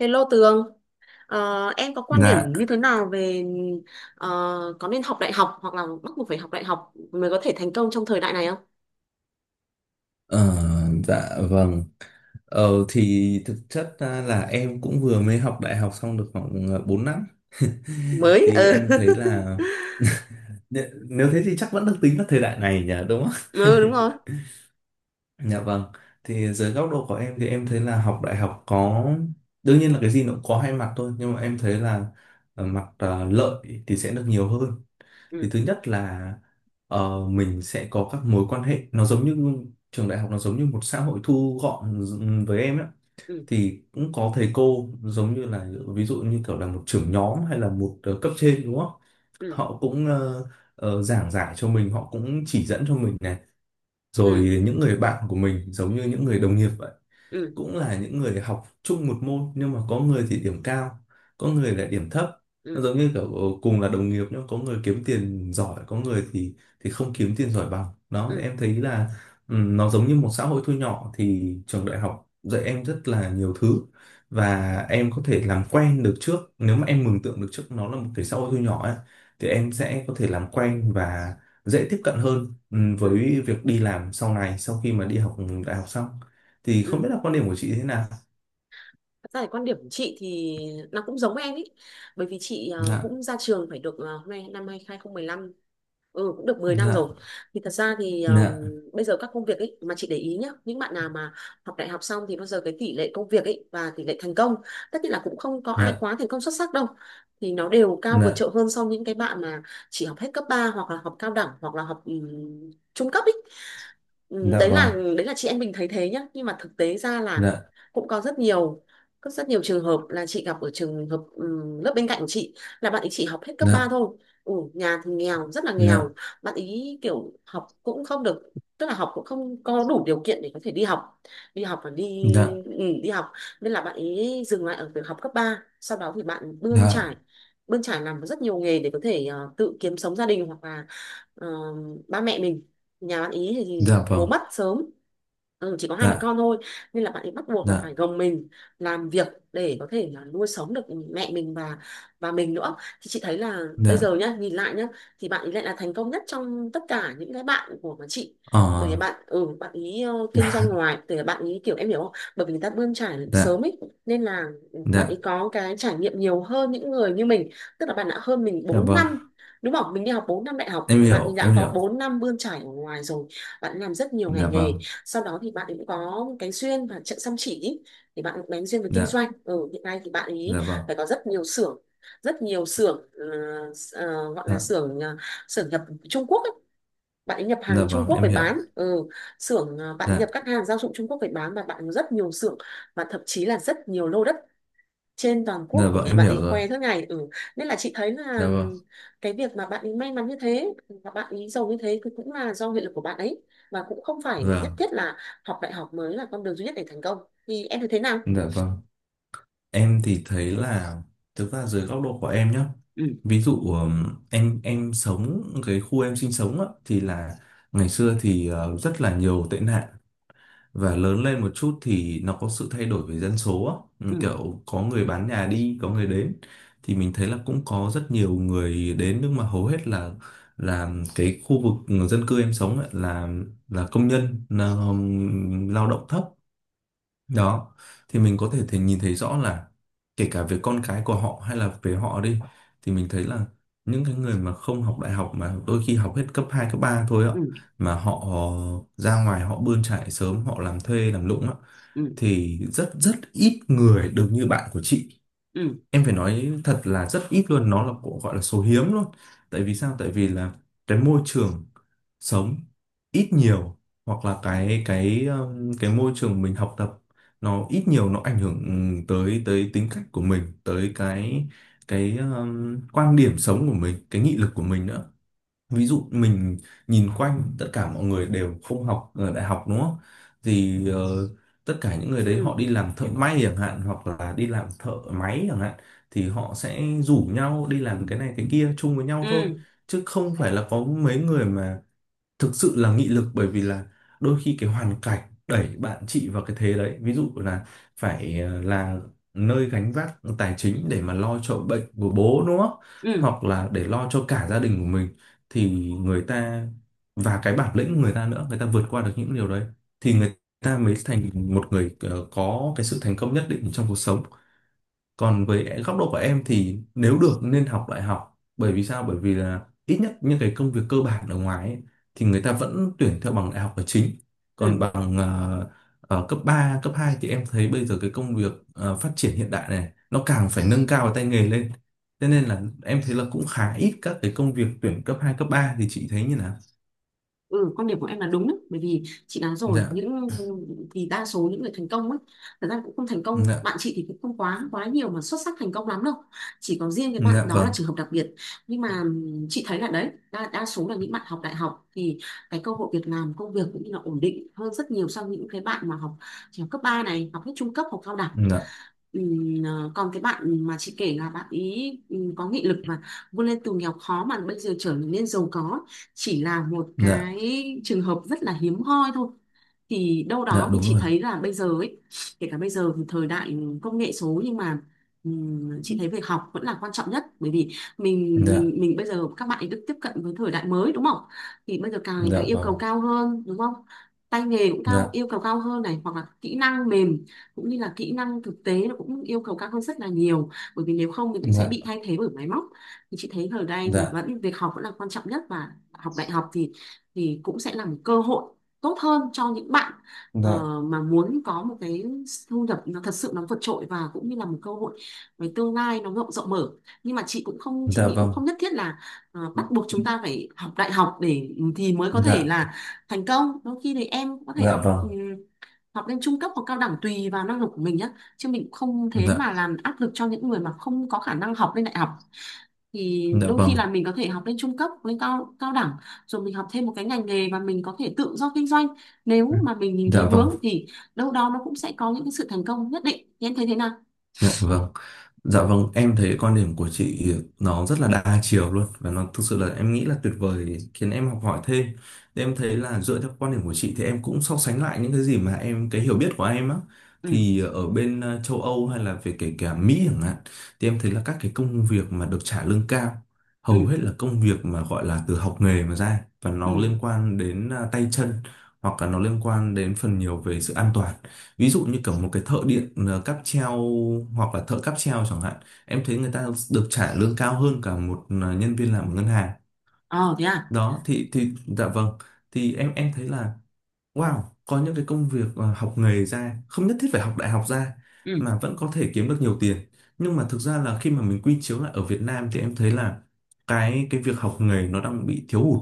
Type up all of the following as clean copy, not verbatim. Hello Tường. Ờ, em có quan điểm như Dạ, thế nào về ờ, có nên học đại học hoặc là bắt buộc phải học đại học mới có thể thành công trong thời đại này không? ờ, dạ vâng. Thì thực chất ra là em cũng vừa mới học đại học xong được khoảng 4 năm. Mới, Thì ừ. em thấy là nếu thế thì chắc vẫn được tính là thời đại này nhỉ, đúng không? Ừ, đúng rồi. Dạ vâng. Thì dưới góc độ của em thì em thấy là học đại học có, đương nhiên là cái gì nó cũng có hai mặt thôi, nhưng mà em thấy là mặt lợi thì sẽ được nhiều hơn. Thì Ừ, thứ nhất là mình sẽ có các mối quan hệ, nó giống như trường đại học nó giống như một xã hội thu gọn với em ấy, ừ, thì cũng có thầy cô giống như là ví dụ như kiểu là một trưởng nhóm hay là một cấp trên đúng không, ừ, họ cũng giảng giải cho mình, họ cũng chỉ dẫn cho mình này, ừ, rồi những người bạn của mình giống như những người đồng nghiệp vậy, ừ, cũng là những người học chung một môn nhưng mà có người thì điểm cao có người lại điểm thấp, nó ừ, giống như kiểu cùng là đồng nghiệp nhưng có người kiếm tiền giỏi có người thì không kiếm tiền giỏi bằng. Đó thì ừ, em thấy là nó giống như một xã hội thu nhỏ, thì trường đại học dạy em rất là nhiều thứ, và em có thể làm quen được trước, nếu mà em mường tượng được trước nó là một cái xã hội thu nhỏ ấy thì em sẽ có thể làm quen và dễ tiếp cận hơn ừ, với việc đi làm sau này sau khi mà đi học đại học xong. Thì không ừ. biết là quan điểm của chị thế nào. Thật ra thì quan điểm của chị thì nó cũng giống em ý, bởi vì chị Dạ. cũng ra trường phải được hôm nay năm 2015. Ừ, cũng được 10 năm rồi. Dạ. Thì thật ra thì Dạ. bây giờ các công việc ấy mà chị để ý nhá, những bạn nào mà học đại học xong thì bao giờ cái tỷ lệ công việc ấy và tỷ lệ thành công, tất nhiên là cũng không có ai Dạ. quá thành công xuất sắc đâu. Thì nó đều cao vượt Dạ. trội hơn so với những cái bạn mà chỉ học hết cấp 3 hoặc là học cao đẳng hoặc là học trung cấp ấy. Ừm, Dạ đấy là vâng. đấy là chị em mình thấy thế nhá, nhưng mà thực tế ra là Dạ. cũng có rất nhiều trường hợp là chị gặp ở trường hợp, lớp bên cạnh của chị là bạn ấy chỉ học hết cấp 3 Dạ. thôi. Nhà thì nghèo rất là nghèo, Dạ. bạn ý kiểu học cũng không được, tức là học cũng không có đủ điều kiện để có thể đi học và đi Dạ. ừ, đi học nên là bạn ý dừng lại ở việc học cấp 3. Sau đó thì bạn bươn Dạ. trải, làm rất nhiều nghề để có thể tự kiếm sống gia đình hoặc là ờ, ba mẹ mình. Nhà bạn ý thì Dạ bố vâng. mất sớm, chỉ có hai mẹ Dạ. con thôi, nên là bạn ấy bắt buộc là phải Dạ. gồng mình làm việc để có thể là nuôi sống được mẹ mình và mình nữa. Thì chị thấy là bây Dạ. giờ nhá, nhìn lại nhá, thì bạn ấy lại là thành công nhất trong tất cả những cái bạn của mà chị, bởi vì Ờ. bạn ý kinh doanh Dạ. ngoài từ bạn ý, kiểu em hiểu không, bởi vì người ta bươn trải Dạ. sớm ấy, nên là bạn Dạ. ấy có cái trải nghiệm nhiều hơn những người như mình, tức là bạn đã hơn mình Dạ bốn vâng năm đúng không, mình đi học 4 năm đại học em thì bạn ấy hiểu đã em có hiểu. 4 năm bươn trải ở ngoài rồi. Bạn làm rất nhiều Dạ ngành nghề. vâng. Sau đó thì bạn ấy cũng có cái duyên và trận chăm chỉ ý. Thì bạn cũng bén duyên với kinh Dạ. doanh hiện nay thì bạn ấy Dạ vâng. phải có rất nhiều xưởng, rất nhiều xưởng, gọi là Dạ. xưởng nhập Trung Quốc ấy. Bạn ấy nhập Dạ hàng Trung vâng Quốc em về hiểu. bán, xưởng, bạn ấy Dạ. nhập các hàng gia dụng Trung Quốc về bán và bạn có rất nhiều xưởng và thậm chí là rất nhiều lô đất trên toàn Dạ quốc, bởi vâng vì em bạn hiểu ấy rồi. khoe suốt ngày ừ. Nên là chị thấy Dạ là vâng. cái việc mà bạn ấy may mắn như thế và bạn ấy giàu như thế thì cũng là do nghị lực của bạn ấy, và cũng không phải nhất Dạ. thiết là học đại học mới là con đường duy nhất để thành công, thì em thấy thế nào? Dạ vâng. Em thì thấy là thực ra dưới góc độ của em nhé. Ừ. Ví dụ em sống cái khu em sinh sống á, thì là ngày xưa thì rất là nhiều tệ nạn, và lớn lên một chút thì nó có sự thay đổi về dân số á. Ừ, kiểu có người bán nhà đi có người đến, thì mình thấy là cũng có rất nhiều người đến, nhưng mà hầu hết là cái khu vực dân cư em sống ấy là công nhân là, lao động thấp đó. Thì mình có thể thể nhìn thấy rõ là kể cả về con cái của họ hay là về họ đi, thì mình thấy là những cái người mà không học đại học mà đôi khi học hết cấp 2 cấp 3 thôi ạ, Ừ. mà họ ra ngoài họ bươn chải sớm họ làm thuê làm lụng á, Ừ. thì rất rất ít người được như bạn của chị. Ừ. Em phải nói thật là rất ít luôn, nó là của gọi là số hiếm luôn. Tại vì sao, tại vì là cái môi trường sống ít nhiều, hoặc là cái môi trường mình học tập, nó ít nhiều nó ảnh hưởng tới tới tính cách của mình, tới cái quan điểm sống của mình, cái nghị lực của mình nữa. Ví dụ mình nhìn quanh tất cả mọi người đều không học ở đại học đúng không, thì tất cả những người đấy họ Ừ. đi làm thợ may chẳng hạn, hoặc là đi làm thợ máy chẳng hạn, thì họ sẽ rủ nhau đi làm cái này cái kia chung với nhau thôi, Ừ. chứ không phải là có mấy người mà thực sự là nghị lực. Bởi vì là đôi khi cái hoàn cảnh đẩy bạn chị vào cái thế đấy, ví dụ là phải là nơi gánh vác tài chính để mà lo cho bệnh của bố đúng không, Ừ. hoặc là để lo cho cả gia đình của mình, thì người ta, và cái bản lĩnh của người ta nữa, người ta vượt qua được những điều đấy, thì người ta mới thành một người có cái sự thành công nhất định trong cuộc sống. Còn với góc độ của em thì nếu được nên học đại học, bởi vì sao, bởi vì là ít nhất những cái công việc cơ bản ở ngoài ấy, thì người ta vẫn tuyển theo bằng đại học là chính, còn Ừ. bằng cấp 3 cấp 2 thì em thấy bây giờ cái công việc phát triển hiện đại này nó càng phải nâng cao cái tay nghề lên. Thế nên là em thấy là cũng khá ít các cái công việc tuyển cấp hai cấp ba. Thì chị thấy như nào. Ừ, quan điểm của em là đúng đấy, bởi vì chị nói rồi, Dạ. những thì đa số những người thành công ấy thật ra cũng không thành công, Dạ. bạn chị thì cũng không quá quá nhiều mà xuất sắc thành công lắm đâu. Chỉ có riêng cái bạn Dạ đó là vâng. trường hợp đặc biệt, nhưng mà chị thấy là đấy đa số là những bạn học đại học thì cái cơ hội việc làm công việc cũng như là ổn định hơn rất nhiều so với những cái bạn mà chỉ học cấp 3 này, học hết trung cấp, học cao đẳng. Dạ. Còn cái bạn mà chị kể là bạn ý có nghị lực mà vươn lên từ nghèo khó mà bây giờ trở nên giàu có, chỉ là một Dạ. cái trường hợp rất là hiếm hoi thôi. Thì đâu Dạ đó thì đúng chị rồi. thấy là bây giờ ấy, kể cả bây giờ thì thời đại công nghệ số nhưng mà chị thấy việc học vẫn là quan trọng nhất, bởi vì mình Dạ. mình mình bây giờ các bạn ấy được tiếp cận với thời đại mới đúng không? Thì bây giờ càng ngày Dạ càng yêu cầu vâng. cao hơn đúng không, tay nghề cũng cao, Dạ. yêu cầu cao hơn này hoặc là kỹ năng mềm cũng như là kỹ năng thực tế nó cũng yêu cầu cao hơn rất là nhiều, bởi vì nếu không thì cũng sẽ Dạ. bị thay thế bởi máy móc. Thì chị thấy ở đây thì Dạ. vẫn việc học vẫn là quan trọng nhất và học đại học thì cũng sẽ là một cơ hội tốt hơn cho những bạn Dạ. mà muốn có một cái thu nhập nó thật sự nó vượt trội, và cũng như là một cơ hội về tương lai nó rộng rộng mở. Nhưng mà chị Dạ nghĩ cũng vâng. không nhất thiết là bắt buộc chúng ta phải học đại học để thì mới có thể Dạ. là thành công. Đôi khi thì em có thể Dạ học vâng. ừ, học lên trung cấp hoặc cao đẳng tùy vào năng lực của mình nhé, chứ mình cũng không thế mà Dạ. làm áp lực cho những người mà không có khả năng học lên đại học. Thì Dạ đôi khi vâng. là mình có thể học lên trung cấp lên cao cao đẳng rồi mình học thêm một cái ngành nghề và mình có thể tự do kinh doanh, nếu mà mình nhìn thấy Dạ vâng. hướng thì đâu đó nó cũng sẽ có những cái sự thành công nhất định, thì em thấy thế nào? Dạ vâng. Dạ vâng, em thấy quan điểm của chị nó rất là đa chiều luôn và nó thực sự là em nghĩ là tuyệt vời, khiến em học hỏi thêm. Thì em thấy là dựa theo quan điểm của chị thì em cũng so sánh lại những cái gì mà em, cái hiểu biết của em á, Ừ. thì ở bên châu Âu hay là về kể cả Mỹ chẳng hạn, thì em thấy là các cái công việc mà được trả lương cao hầu Ừ. hết là công việc mà gọi là từ học nghề mà ra, và Ừ. nó liên quan đến tay chân, hoặc là nó liên quan đến phần nhiều về sự an toàn. Ví dụ như kiểu một cái thợ điện cáp treo, hoặc là thợ cáp treo chẳng hạn, em thấy người ta được trả lương cao hơn cả một nhân viên làm ở ngân hàng. Ờ, thế à? Đó thì dạ vâng. Thì em thấy là wow, có những cái công việc học nghề ra không nhất thiết phải học đại học ra Ừ. mà vẫn có thể kiếm được nhiều tiền. Nhưng mà thực ra là khi mà mình quy chiếu lại ở Việt Nam thì em thấy là cái việc học nghề nó đang bị thiếu hụt,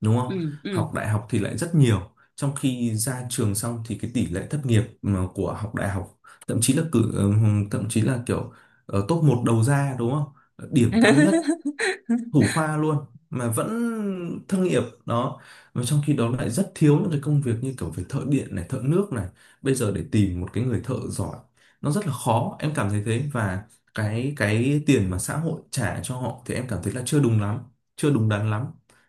đúng Ừ. không? Ừ. Học đại học thì lại rất nhiều, trong khi ra trường xong thì cái tỷ lệ thất nghiệp mà của học đại học, thậm chí là thậm chí là kiểu top một đầu ra, đúng không? Điểm cao nhất, thủ khoa luôn mà vẫn thất nghiệp đó. Và trong khi đó lại rất thiếu những cái công việc như kiểu về thợ điện này thợ nước này. Bây giờ để tìm một cái người thợ giỏi nó rất là khó, em cảm thấy thế. Và cái tiền mà xã hội trả cho họ thì em cảm thấy là chưa đúng lắm, chưa đúng đắn lắm,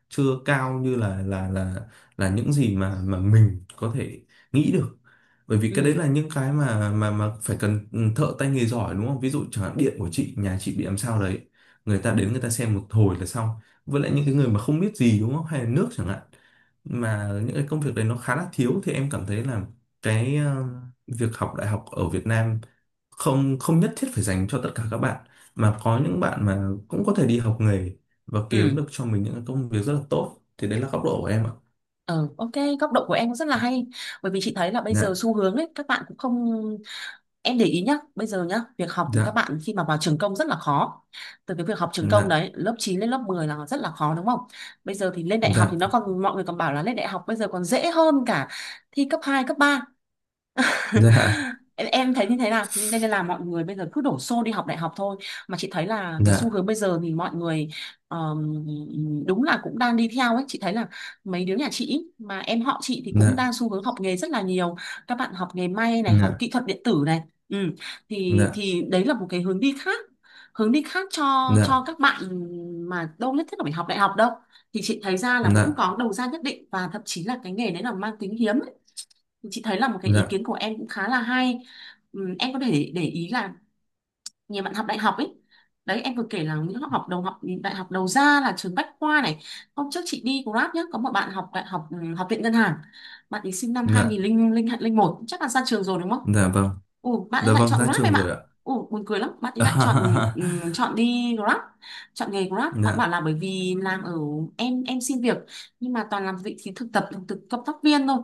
chưa cao như là là những gì mà mình có thể nghĩ được. Bởi vì cái Ừ. đấy là những cái mà mà phải cần thợ tay nghề giỏi đúng không, ví dụ chẳng hạn điện của chị, nhà chị bị làm sao đấy, người ta đến người ta xem một hồi là xong, với lại những cái người mà không biết gì đúng không, hay là nước chẳng hạn, mà những cái công việc đấy nó khá là thiếu. Thì em cảm thấy là cái việc học đại học ở Việt Nam không không nhất thiết phải dành cho tất cả các bạn, mà có những bạn mà cũng có thể đi học nghề và kiếm Ừ. được cho mình những cái công việc rất là tốt. Thì đấy là góc độ của em ạ. Ừ, ok, góc độ của em cũng rất là hay. Bởi vì chị thấy là bây giờ Dạ. xu hướng ấy, các bạn cũng không. Em để ý nhá, bây giờ nhá, việc học các Dạ. bạn khi mà vào trường công rất là khó. Từ cái việc học trường công Dạ. đấy, lớp 9 lên lớp 10 là rất là khó đúng không? Bây giờ thì lên đại học thì Dạ. nó còn, mọi người còn bảo là lên đại học bây giờ còn dễ hơn cả thi cấp 2 cấp ba, Dạ. em thấy như thế nào, nên nên là mọi người bây giờ cứ đổ xô đi học đại học thôi. Mà chị thấy là cái xu hướng bây giờ thì mọi người ờm, đúng là cũng đang đi theo ấy, chị thấy là mấy đứa nhà chị mà em họ chị thì cũng Dạ. đang xu hướng học nghề rất là nhiều, các bạn học nghề may này, học Dạ. kỹ thuật điện tử này ừ. thì Dạ. thì đấy là một cái hướng đi khác, hướng đi khác cho Dạ. cho các bạn mà đâu nhất thiết là phải học đại học đâu, thì chị thấy ra Dạ. là vẫn Dạ. có đầu ra nhất định và thậm chí là cái nghề đấy là mang tính hiếm. Chị thấy là một cái ý Dạ. kiến của em cũng khá là hay. Em có thể để ý là nhiều bạn học đại học ấy, đấy em vừa kể là những học đầu học đại học đầu ra là trường Bách Khoa này. Hôm trước chị đi Grab nhá, có một bạn học đại học học viện ngân hàng, bạn ấy sinh năm Dạ. 2001 chắc là ra trường rồi đúng không? Dạ vâng. Ồ, bạn ấy Dạ lại vâng chọn ra Grab em trường rồi ạ. ạ. Ồ, buồn cười lắm. Bạn ấy lại chọn À, chọn đi Grab, chọn nghề Grab. Bạn bảo Dạ. là bởi vì làm ở em xin việc nhưng mà toàn làm vị trí thực tập, thực cộng tác viên thôi.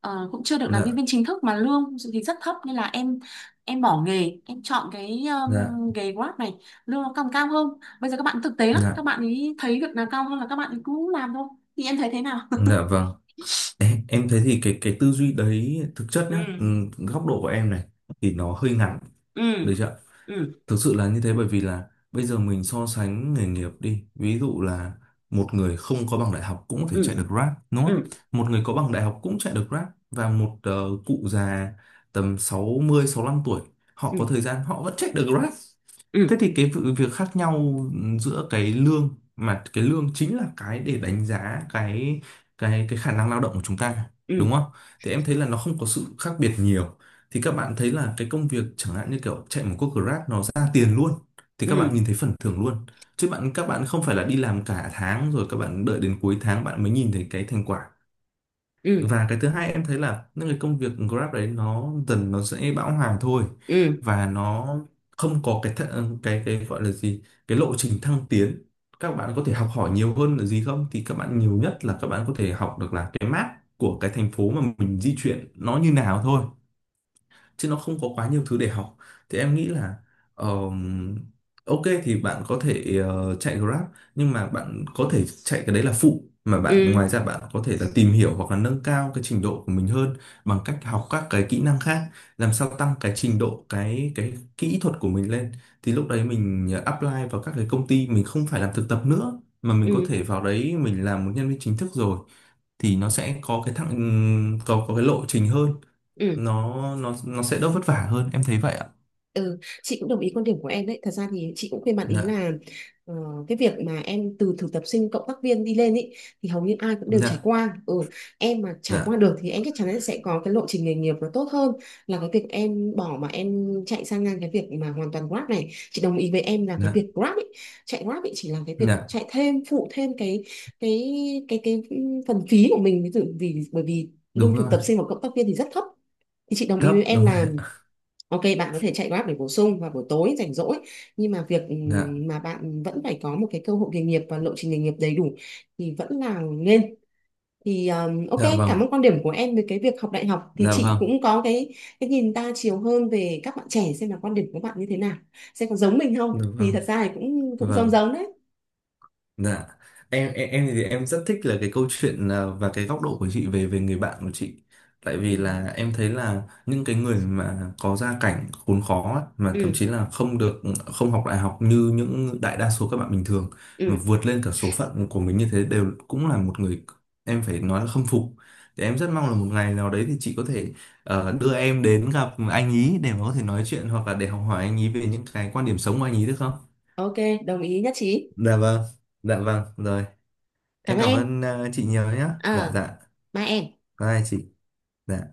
Cũng chưa được làm nhân Dạ. viên chính thức mà lương thì rất thấp, nên là em bỏ nghề, em chọn cái Dạ. Nghề Grab này, lương nó còn cao hơn. Bây giờ các bạn thực tế lắm, các Dạ. bạn ấy thấy việc nào cao hơn là các bạn ấy cứ làm thôi. Thì em thấy thế nào? Dạ vâng. Em thấy thì cái tư duy đấy thực chất nhá, Ừ. Góc độ của em này thì nó hơi ngắn, Ừ. được chưa. Ừ. Thực sự là như thế, bởi vì là bây giờ mình so sánh nghề nghiệp đi, ví dụ là một người không có bằng đại học cũng có thể chạy Ừ. được Grab đúng không, Ừ. một người có bằng đại học cũng chạy được Grab, và một cụ già tầm sáu mươi sáu 65 tuổi, họ có Ừ. thời gian họ vẫn chạy được Grab. Thế Ừ. thì việc khác nhau giữa cái lương, mà cái lương chính là cái để đánh giá cái khả năng lao động của chúng ta, đúng Ừ. không? Thì em thấy là nó không có sự khác biệt nhiều. Thì các bạn thấy là cái công việc chẳng hạn như kiểu chạy một cuộc Grab nó ra tiền luôn, thì các bạn Ừ. nhìn thấy phần thưởng luôn. Chứ các bạn không phải là đi làm cả tháng rồi các bạn đợi đến cuối tháng bạn mới nhìn thấy cái thành quả. Ừ. Và cái thứ hai em thấy là những cái công việc Grab đấy nó dần nó sẽ bão hòa thôi, Ừ. và nó không có cái gọi là gì, cái lộ trình thăng tiến. Các bạn có thể học hỏi nhiều hơn là gì không, thì các bạn nhiều nhất là các bạn có thể học được là cái map của cái thành phố mà mình di chuyển nó như nào thôi, chứ nó không có quá nhiều thứ để học. Thì em nghĩ là ờm, ok thì bạn có thể chạy Grab, nhưng mà bạn có thể chạy cái đấy là phụ, mà bạn Ừ. ngoài ra bạn có thể là tìm hiểu hoặc là nâng cao cái trình độ của mình hơn bằng cách học các cái kỹ năng khác, làm sao tăng cái trình độ cái kỹ thuật của mình lên, thì lúc đấy mình apply vào các cái công ty, mình không phải làm thực tập nữa mà mình Ừ. có thể vào đấy mình làm một nhân viên chính thức rồi, thì nó sẽ có cái thặng có cái lộ trình hơn, Ừ. nó sẽ đỡ vất vả hơn. Em thấy vậy ạ. Ừ, chị cũng đồng ý quan điểm của em đấy. Thật ra thì chị cũng khuyên bạn ý Dạ. là ờ, cái việc mà em từ thực tập sinh cộng tác viên đi lên ý, thì hầu như ai cũng đều trải Dạ. qua. Ừ, em mà trải qua Dạ. được thì em chắc chắn là sẽ có cái lộ trình nghề nghiệp nó tốt hơn là cái việc em bỏ mà em chạy sang ngang cái việc mà hoàn toàn Grab này. Chị đồng ý với em là cái Dạ. việc Grab ý, chạy Grab ý chỉ là cái việc Dạ chạy thêm phụ thêm cái cái phần phí của mình, ví dụ bởi vì lương đúng thực rồi. tập sinh và cộng tác viên thì rất thấp. Thì chị đồng ý Thấp với em đúng rồi là, ạ. ok, bạn có thể chạy Grab để bổ sung vào buổi tối rảnh rỗi, nhưng mà việc Dạ. Mà bạn vẫn phải có một cái cơ hội nghề nghiệp và lộ trình nghề nghiệp đầy đủ thì vẫn là nên. Thì ok. Dạ vâng. Cảm ơn quan điểm của em về cái việc học đại học, thì Dạ chị vâng. cũng có cái nhìn đa chiều hơn về các bạn trẻ, xem là quan điểm của bạn như thế nào, xem có giống mình không, Dạ thì vâng. thật ra thì cũng Dạ cũng giống vâng. giống đấy. Dạ. Em thì em rất thích là cái câu chuyện à, và cái góc độ của chị về về người bạn của chị. Tại Ừ. vì là em thấy là những cái người mà có gia cảnh khốn khó ấy, mà thậm Ừ. chí là không được, không học đại học như những đại đa số các bạn bình thường, mà Ừ. vượt lên cả số phận của mình như thế, đều cũng là một người em phải nói là khâm phục. Thì em rất mong là một ngày nào đấy thì chị có thể đưa em đến gặp anh ý để mà có thể nói chuyện hoặc là để học hỏi anh ý về những cái quan điểm sống của anh ý được không? Ok, đồng ý nhất trí. Dạ vâng, dạ vâng, rồi. Cảm Em ơn cảm em. ơn chị nhiều nhé. Dạ À, dạ. ba em. Bye chị. Dạ.